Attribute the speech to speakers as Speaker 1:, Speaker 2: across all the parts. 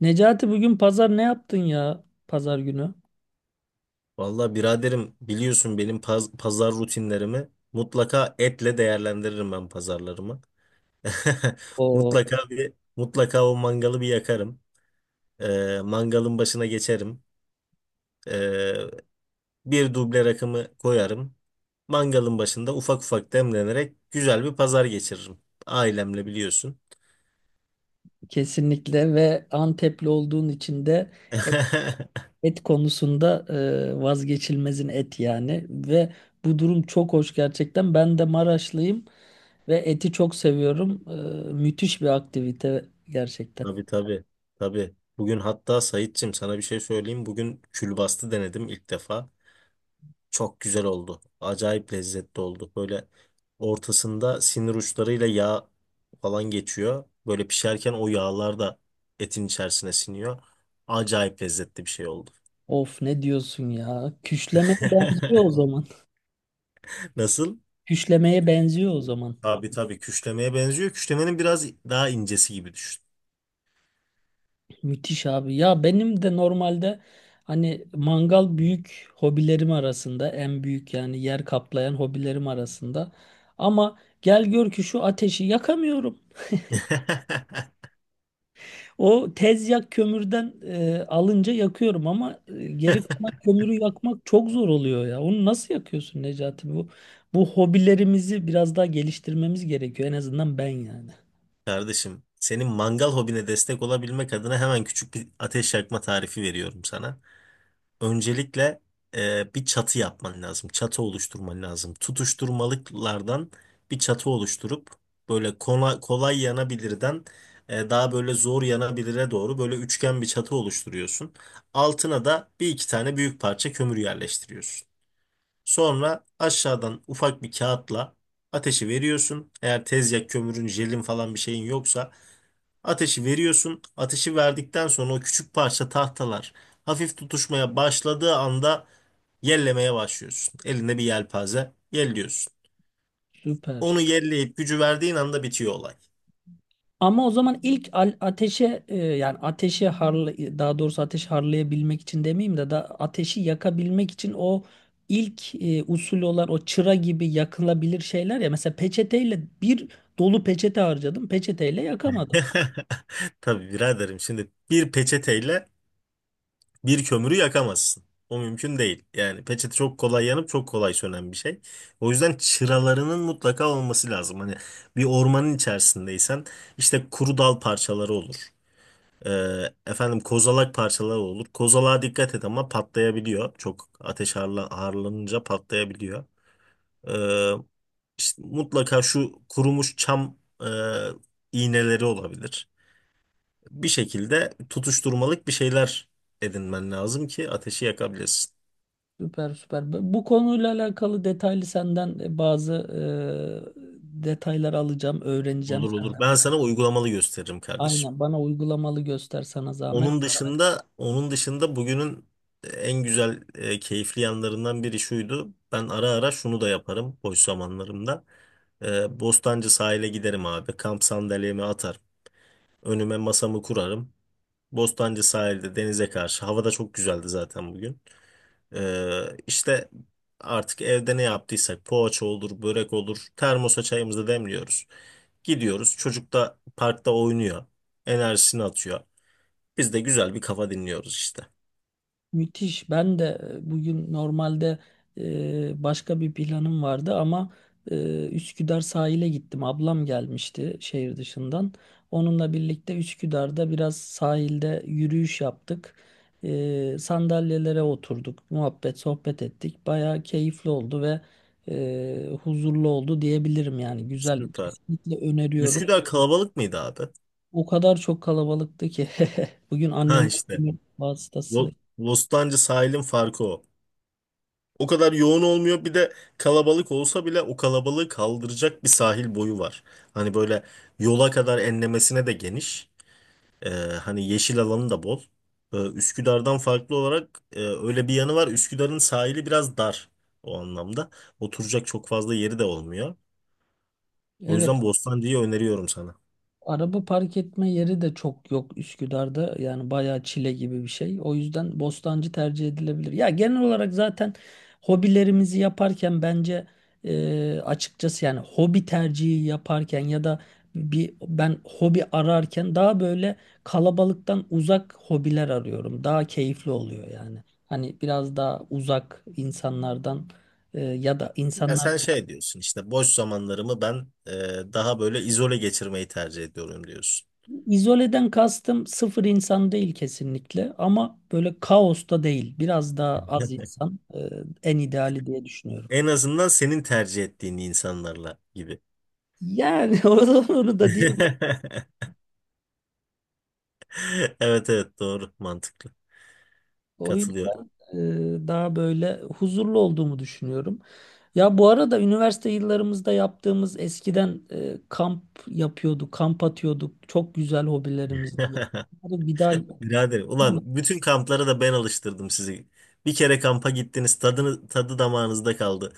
Speaker 1: Necati bugün pazar ne yaptın ya pazar günü?
Speaker 2: Vallahi biraderim biliyorsun benim pazar rutinlerimi mutlaka etle değerlendiririm ben pazarlarımı.
Speaker 1: O
Speaker 2: Mutlaka mutlaka o mangalı bir yakarım. Mangalın başına geçerim. Ee, Bir duble rakımı koyarım. Mangalın başında ufak ufak demlenerek güzel bir pazar geçiririm. Ailemle biliyorsun.
Speaker 1: kesinlikle, ve Antepli olduğun için de et, et konusunda vazgeçilmezin et yani. Ve bu durum çok hoş gerçekten. Ben de Maraşlıyım ve eti çok seviyorum. Müthiş bir aktivite gerçekten.
Speaker 2: Tabii tabii. Tabii. Bugün hatta Saitçim sana bir şey söyleyeyim. Bugün külbastı denedim ilk defa. Çok güzel oldu. Acayip lezzetli oldu. Böyle ortasında sinir uçlarıyla yağ falan geçiyor. Böyle pişerken o yağlar da etin içerisine siniyor. Acayip lezzetli bir şey oldu.
Speaker 1: Of ne diyorsun ya? Küşlemeye benziyor o zaman.
Speaker 2: Nasıl?
Speaker 1: Küşlemeye benziyor o zaman.
Speaker 2: Tabii tabii küşlemeye benziyor. Küşlemenin biraz daha incesi gibi düşün.
Speaker 1: Müthiş abi. Ya benim de normalde hani mangal büyük hobilerim arasında, en büyük yani yer kaplayan hobilerim arasında. Ama gel gör ki şu ateşi yakamıyorum. O tez yak kömürden alınca yakıyorum ama geri kalan kömürü yakmak çok zor oluyor ya. Onu nasıl yakıyorsun Necati? Bu hobilerimizi biraz daha geliştirmemiz gerekiyor. En azından ben yani.
Speaker 2: Kardeşim, senin mangal hobine destek olabilmek adına hemen küçük bir ateş yakma tarifi veriyorum sana. Öncelikle bir çatı yapman lazım. Çatı oluşturman lazım. Tutuşturmalıklardan bir çatı oluşturup böyle kolay, kolay yanabilirden daha böyle zor yanabilire doğru böyle üçgen bir çatı oluşturuyorsun. Altına da bir iki tane büyük parça kömür yerleştiriyorsun. Sonra aşağıdan ufak bir kağıtla ateşi veriyorsun. Eğer tezyak kömürün, jelin falan bir şeyin yoksa ateşi veriyorsun. Ateşi verdikten sonra o küçük parça tahtalar hafif tutuşmaya başladığı anda yellemeye başlıyorsun. Elinde bir yelpaze yelliyorsun. Onu
Speaker 1: Süper.
Speaker 2: yelleyip gücü verdiğin anda bitiyor olay.
Speaker 1: Ama o zaman ateşe yani ateşi harla, daha doğrusu ateşi harlayabilmek için demeyeyim de da ateşi yakabilmek için o ilk usul olan o çıra gibi yakılabilir şeyler ya, mesela peçeteyle bir dolu peçete harcadım, peçeteyle yakamadım.
Speaker 2: Tabii biraderim şimdi bir peçeteyle bir kömürü yakamazsın. O mümkün değil. Yani peçete çok kolay yanıp çok kolay sönen bir şey. O yüzden çıralarının mutlaka olması lazım. Hani bir ormanın içerisindeysen işte kuru dal parçaları olur. Efendim kozalak parçaları olur. Kozalağa dikkat et ama patlayabiliyor. Çok ateş harla, harlanınca patlayabiliyor. Ee, işte mutlaka şu kurumuş çam e, iğneleri olabilir. Bir şekilde tutuşturmalık bir şeyler edinmen lazım ki ateşi yakabilesin.
Speaker 1: Süper süper. Bu konuyla alakalı detaylı senden bazı detaylar alacağım, öğreneceğim
Speaker 2: Olur olur.
Speaker 1: senden.
Speaker 2: Ben sana uygulamalı gösteririm kardeşim.
Speaker 1: Aynen, bana uygulamalı göster sana zahmet.
Speaker 2: Onun dışında bugünün en güzel keyifli yanlarından biri şuydu. Ben ara ara şunu da yaparım boş zamanlarımda. Bostancı sahile giderim abi. Kamp sandalyemi atarım. Önüme masamı kurarım. Bostancı sahilde denize karşı. Hava da çok güzeldi zaten bugün. İşte artık evde ne yaptıysak poğaça olur, börek olur. Termosa çayımızı demliyoruz. Gidiyoruz. Çocuk da parkta oynuyor. Enerjisini atıyor. Biz de güzel bir kafa dinliyoruz işte.
Speaker 1: Müthiş. Ben de bugün normalde başka bir planım vardı ama Üsküdar sahile gittim. Ablam gelmişti şehir dışından. Onunla birlikte Üsküdar'da biraz sahilde yürüyüş yaptık. Sandalyelere oturduk, muhabbet, sohbet ettik. Bayağı keyifli oldu ve huzurlu oldu diyebilirim yani. Güzel.
Speaker 2: Süper.
Speaker 1: Kesinlikle öneriyorum.
Speaker 2: Üsküdar kalabalık mıydı abi?
Speaker 1: O kadar çok kalabalıktı ki bugün
Speaker 2: Ha
Speaker 1: anneler
Speaker 2: işte.
Speaker 1: günü vasıtası.
Speaker 2: Lo- Bostancı sahilin farkı o. O kadar yoğun olmuyor. Bir de kalabalık olsa bile o kalabalığı kaldıracak bir sahil boyu var. Hani böyle yola kadar enlemesine de geniş. Ee, Hani yeşil alanı da bol. Üsküdar'dan farklı olarak öyle bir yanı var. Üsküdar'ın sahili biraz dar o anlamda. Oturacak çok fazla yeri de olmuyor. O
Speaker 1: Evet.
Speaker 2: yüzden Bostancı'yı öneriyorum sana.
Speaker 1: Araba park etme yeri de çok yok Üsküdar'da. Yani bayağı çile gibi bir şey. O yüzden Bostancı tercih edilebilir. Ya genel olarak zaten hobilerimizi yaparken bence açıkçası yani hobi tercihi yaparken ya da bir, ben hobi ararken daha böyle kalabalıktan uzak hobiler arıyorum. Daha keyifli oluyor yani. Hani biraz daha uzak insanlardan, ya da
Speaker 2: Ya
Speaker 1: insanlar.
Speaker 2: sen şey diyorsun işte boş zamanlarımı ben daha böyle izole geçirmeyi tercih ediyorum diyorsun.
Speaker 1: İzoleden kastım sıfır insan değil kesinlikle, ama böyle kaosta değil. Biraz daha az insan en ideali diye düşünüyorum.
Speaker 2: En azından senin tercih ettiğin insanlarla gibi.
Speaker 1: Yani o zaman onu da diyeyim.
Speaker 2: Evet evet doğru mantıklı.
Speaker 1: O
Speaker 2: Katılıyorum.
Speaker 1: yüzden daha böyle huzurlu olduğumu düşünüyorum. Ya bu arada üniversite yıllarımızda yaptığımız, eskiden kamp yapıyorduk, kamp atıyorduk. Çok güzel hobilerimizdi. Bunları bir daha yapalım.
Speaker 2: Birader, ulan bütün kamplara da ben alıştırdım sizi. Bir kere kampa gittiniz, tadını, tadı damağınızda kaldı.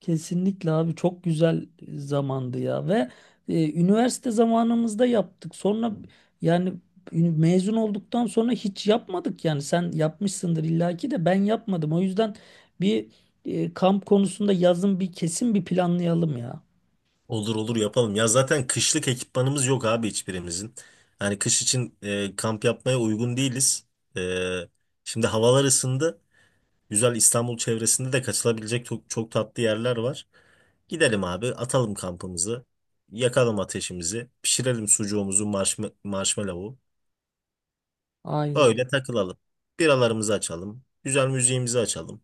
Speaker 1: Kesinlikle abi, çok güzel zamandı ya. Ve üniversite zamanımızda yaptık. Sonra yani mezun olduktan sonra hiç yapmadık yani. Sen yapmışsındır illaki de ben yapmadım. O yüzden bir kamp konusunda yazın bir kesin bir planlayalım ya.
Speaker 2: Olur olur yapalım. Ya zaten kışlık ekipmanımız yok abi hiçbirimizin. Hani kış için kamp yapmaya uygun değiliz. E, Şimdi havalar ısındı. Güzel İstanbul çevresinde de kaçılabilecek çok, çok tatlı yerler var. Gidelim abi, atalım kampımızı. Yakalım ateşimizi. Pişirelim sucuğumuzu, marshmallow'u.
Speaker 1: Aynen.
Speaker 2: Öyle takılalım. Biralarımızı açalım. Güzel müziğimizi açalım.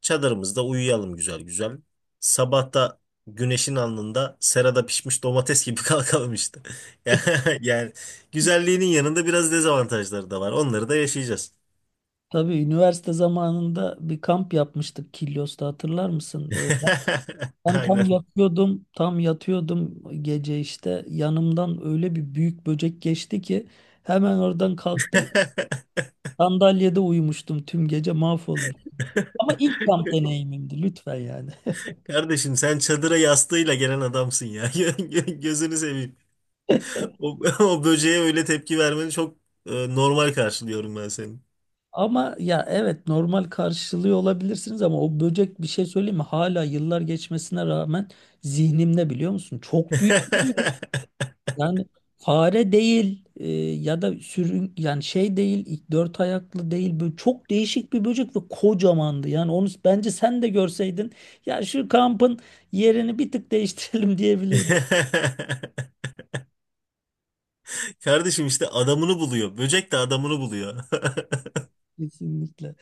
Speaker 2: Çadırımızda uyuyalım güzel güzel. Sabahta güneşin alnında serada pişmiş domates gibi kalkalım işte. Yani güzelliğinin yanında biraz dezavantajları da var. Onları da yaşayacağız.
Speaker 1: Tabii üniversite zamanında bir kamp yapmıştık Kilyos'ta, hatırlar mısın? Ben tam
Speaker 2: Aynen.
Speaker 1: yatıyordum, tam yatıyordum gece, işte yanımdan öyle bir büyük böcek geçti ki hemen oradan kalktım. Sandalyede uyumuştum, tüm gece mahvolmuş. Ama ilk kamp deneyimimdi, lütfen yani.
Speaker 2: Kardeşim sen çadıra yastığıyla gelen adamsın ya. Gözünü seveyim. O, o böceğe öyle tepki vermeni çok normal karşılıyorum ben senin.
Speaker 1: Ama ya evet, normal karşılıyor olabilirsiniz ama o böcek, bir şey söyleyeyim mi? Hala yıllar geçmesine rağmen zihnimde, biliyor musun? Çok büyük. Yani fare değil, ya da sürün yani şey değil, ilk dört ayaklı değil, böyle çok değişik bir böcek ve kocamandı. Yani onu bence sen de görseydin, ya şu kampın yerini bir tık değiştirelim diyebilirdim
Speaker 2: Kardeşim işte adamını buluyor. Böcek de adamını buluyor.
Speaker 1: kesinlikle.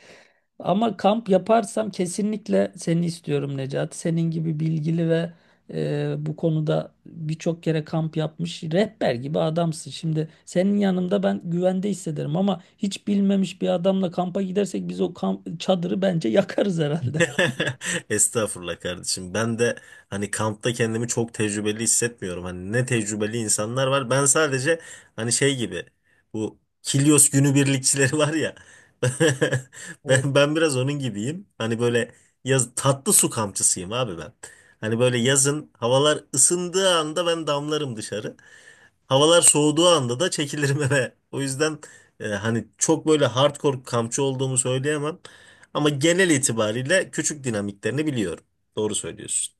Speaker 1: Ama kamp yaparsam kesinlikle seni istiyorum Necati. Senin gibi bilgili ve bu konuda birçok kere kamp yapmış, rehber gibi adamsın. Şimdi senin yanımda ben güvende hissederim, ama hiç bilmemiş bir adamla kampa gidersek biz, o kamp çadırı bence yakarız herhalde.
Speaker 2: Estağfurullah kardeşim. Ben de hani kampta kendimi çok tecrübeli hissetmiyorum. Hani ne tecrübeli insanlar var. Ben sadece hani şey gibi bu Kilyos günübirlikçileri var ya. Ben ben biraz onun gibiyim. Hani böyle yaz tatlı su kampçısıyım abi ben. Hani böyle yazın havalar ısındığı anda ben damlarım dışarı. Havalar soğuduğu anda da çekilirim eve. O yüzden hani çok böyle hardcore kampçı olduğumu söyleyemem. Ama genel itibariyle küçük dinamiklerini biliyorum. Doğru söylüyorsun.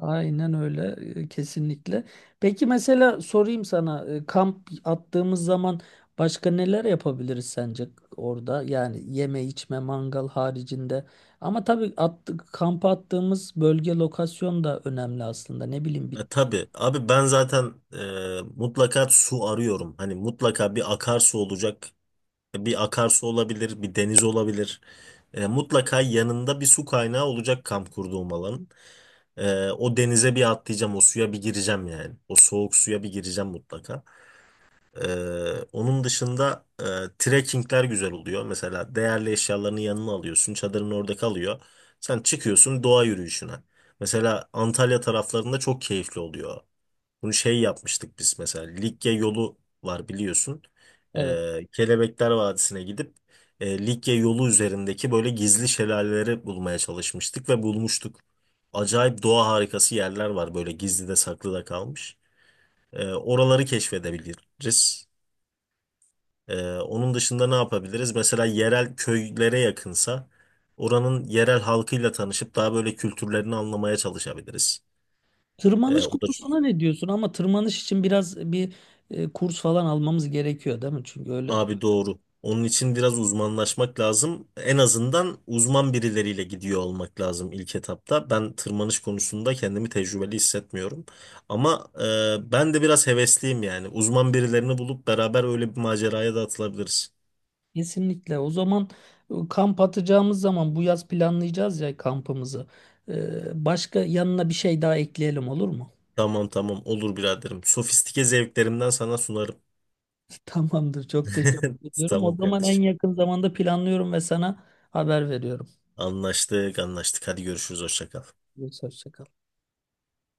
Speaker 1: Aynen öyle, kesinlikle. Peki mesela sorayım sana, kamp attığımız zaman başka neler yapabiliriz sence orada? Yani yeme içme mangal haricinde. Ama tabii kampa attığımız bölge, lokasyon da önemli aslında. Ne bileyim bir
Speaker 2: Tabii abi ben zaten mutlaka su arıyorum. Hani mutlaka bir akarsu olacak. Bir akarsu olabilir, bir deniz olabilir. Mutlaka yanında bir su kaynağı olacak kamp kurduğum alanın. O denize bir atlayacağım, o suya bir gireceğim yani. O soğuk suya bir gireceğim mutlaka. Onun dışında trekkingler güzel oluyor. Mesela değerli eşyalarını yanına alıyorsun. Çadırın orada kalıyor. Sen çıkıyorsun doğa yürüyüşüne. Mesela Antalya taraflarında çok keyifli oluyor. Bunu şey yapmıştık biz mesela. Likya yolu var biliyorsun.
Speaker 1: evet.
Speaker 2: Kelebekler Vadisi'ne gidip Likya yolu üzerindeki böyle gizli şelaleleri bulmaya çalışmıştık ve bulmuştuk. Acayip doğa harikası yerler var böyle gizli de saklı da kalmış. Oraları keşfedebiliriz. Onun dışında ne yapabiliriz? Mesela yerel köylere yakınsa oranın yerel halkıyla tanışıp daha böyle kültürlerini anlamaya çalışabiliriz.
Speaker 1: Tırmanış
Speaker 2: O da
Speaker 1: konusuna ne diyorsun? Ama tırmanış için biraz bir kurs falan almamız gerekiyor değil mi? Çünkü öyle.
Speaker 2: abi doğru. Onun için biraz uzmanlaşmak lazım. En azından uzman birileriyle gidiyor olmak lazım ilk etapta. Ben tırmanış konusunda kendimi tecrübeli hissetmiyorum. Ama ben de biraz hevesliyim yani. Uzman birilerini bulup beraber öyle bir maceraya da atılabiliriz.
Speaker 1: Kesinlikle. O zaman kamp atacağımız zaman bu yaz planlayacağız ya kampımızı. Başka yanına bir şey daha ekleyelim olur mu?
Speaker 2: Tamam tamam olur biraderim. Sofistike zevklerimden sana sunarım.
Speaker 1: Tamamdır. Çok teşekkür ediyorum.
Speaker 2: Tamam
Speaker 1: O zaman en
Speaker 2: kardeşim.
Speaker 1: yakın zamanda planlıyorum ve sana haber veriyorum.
Speaker 2: Anlaştık, anlaştık. Hadi görüşürüz. Hoşça kal.
Speaker 1: Hoşça kal.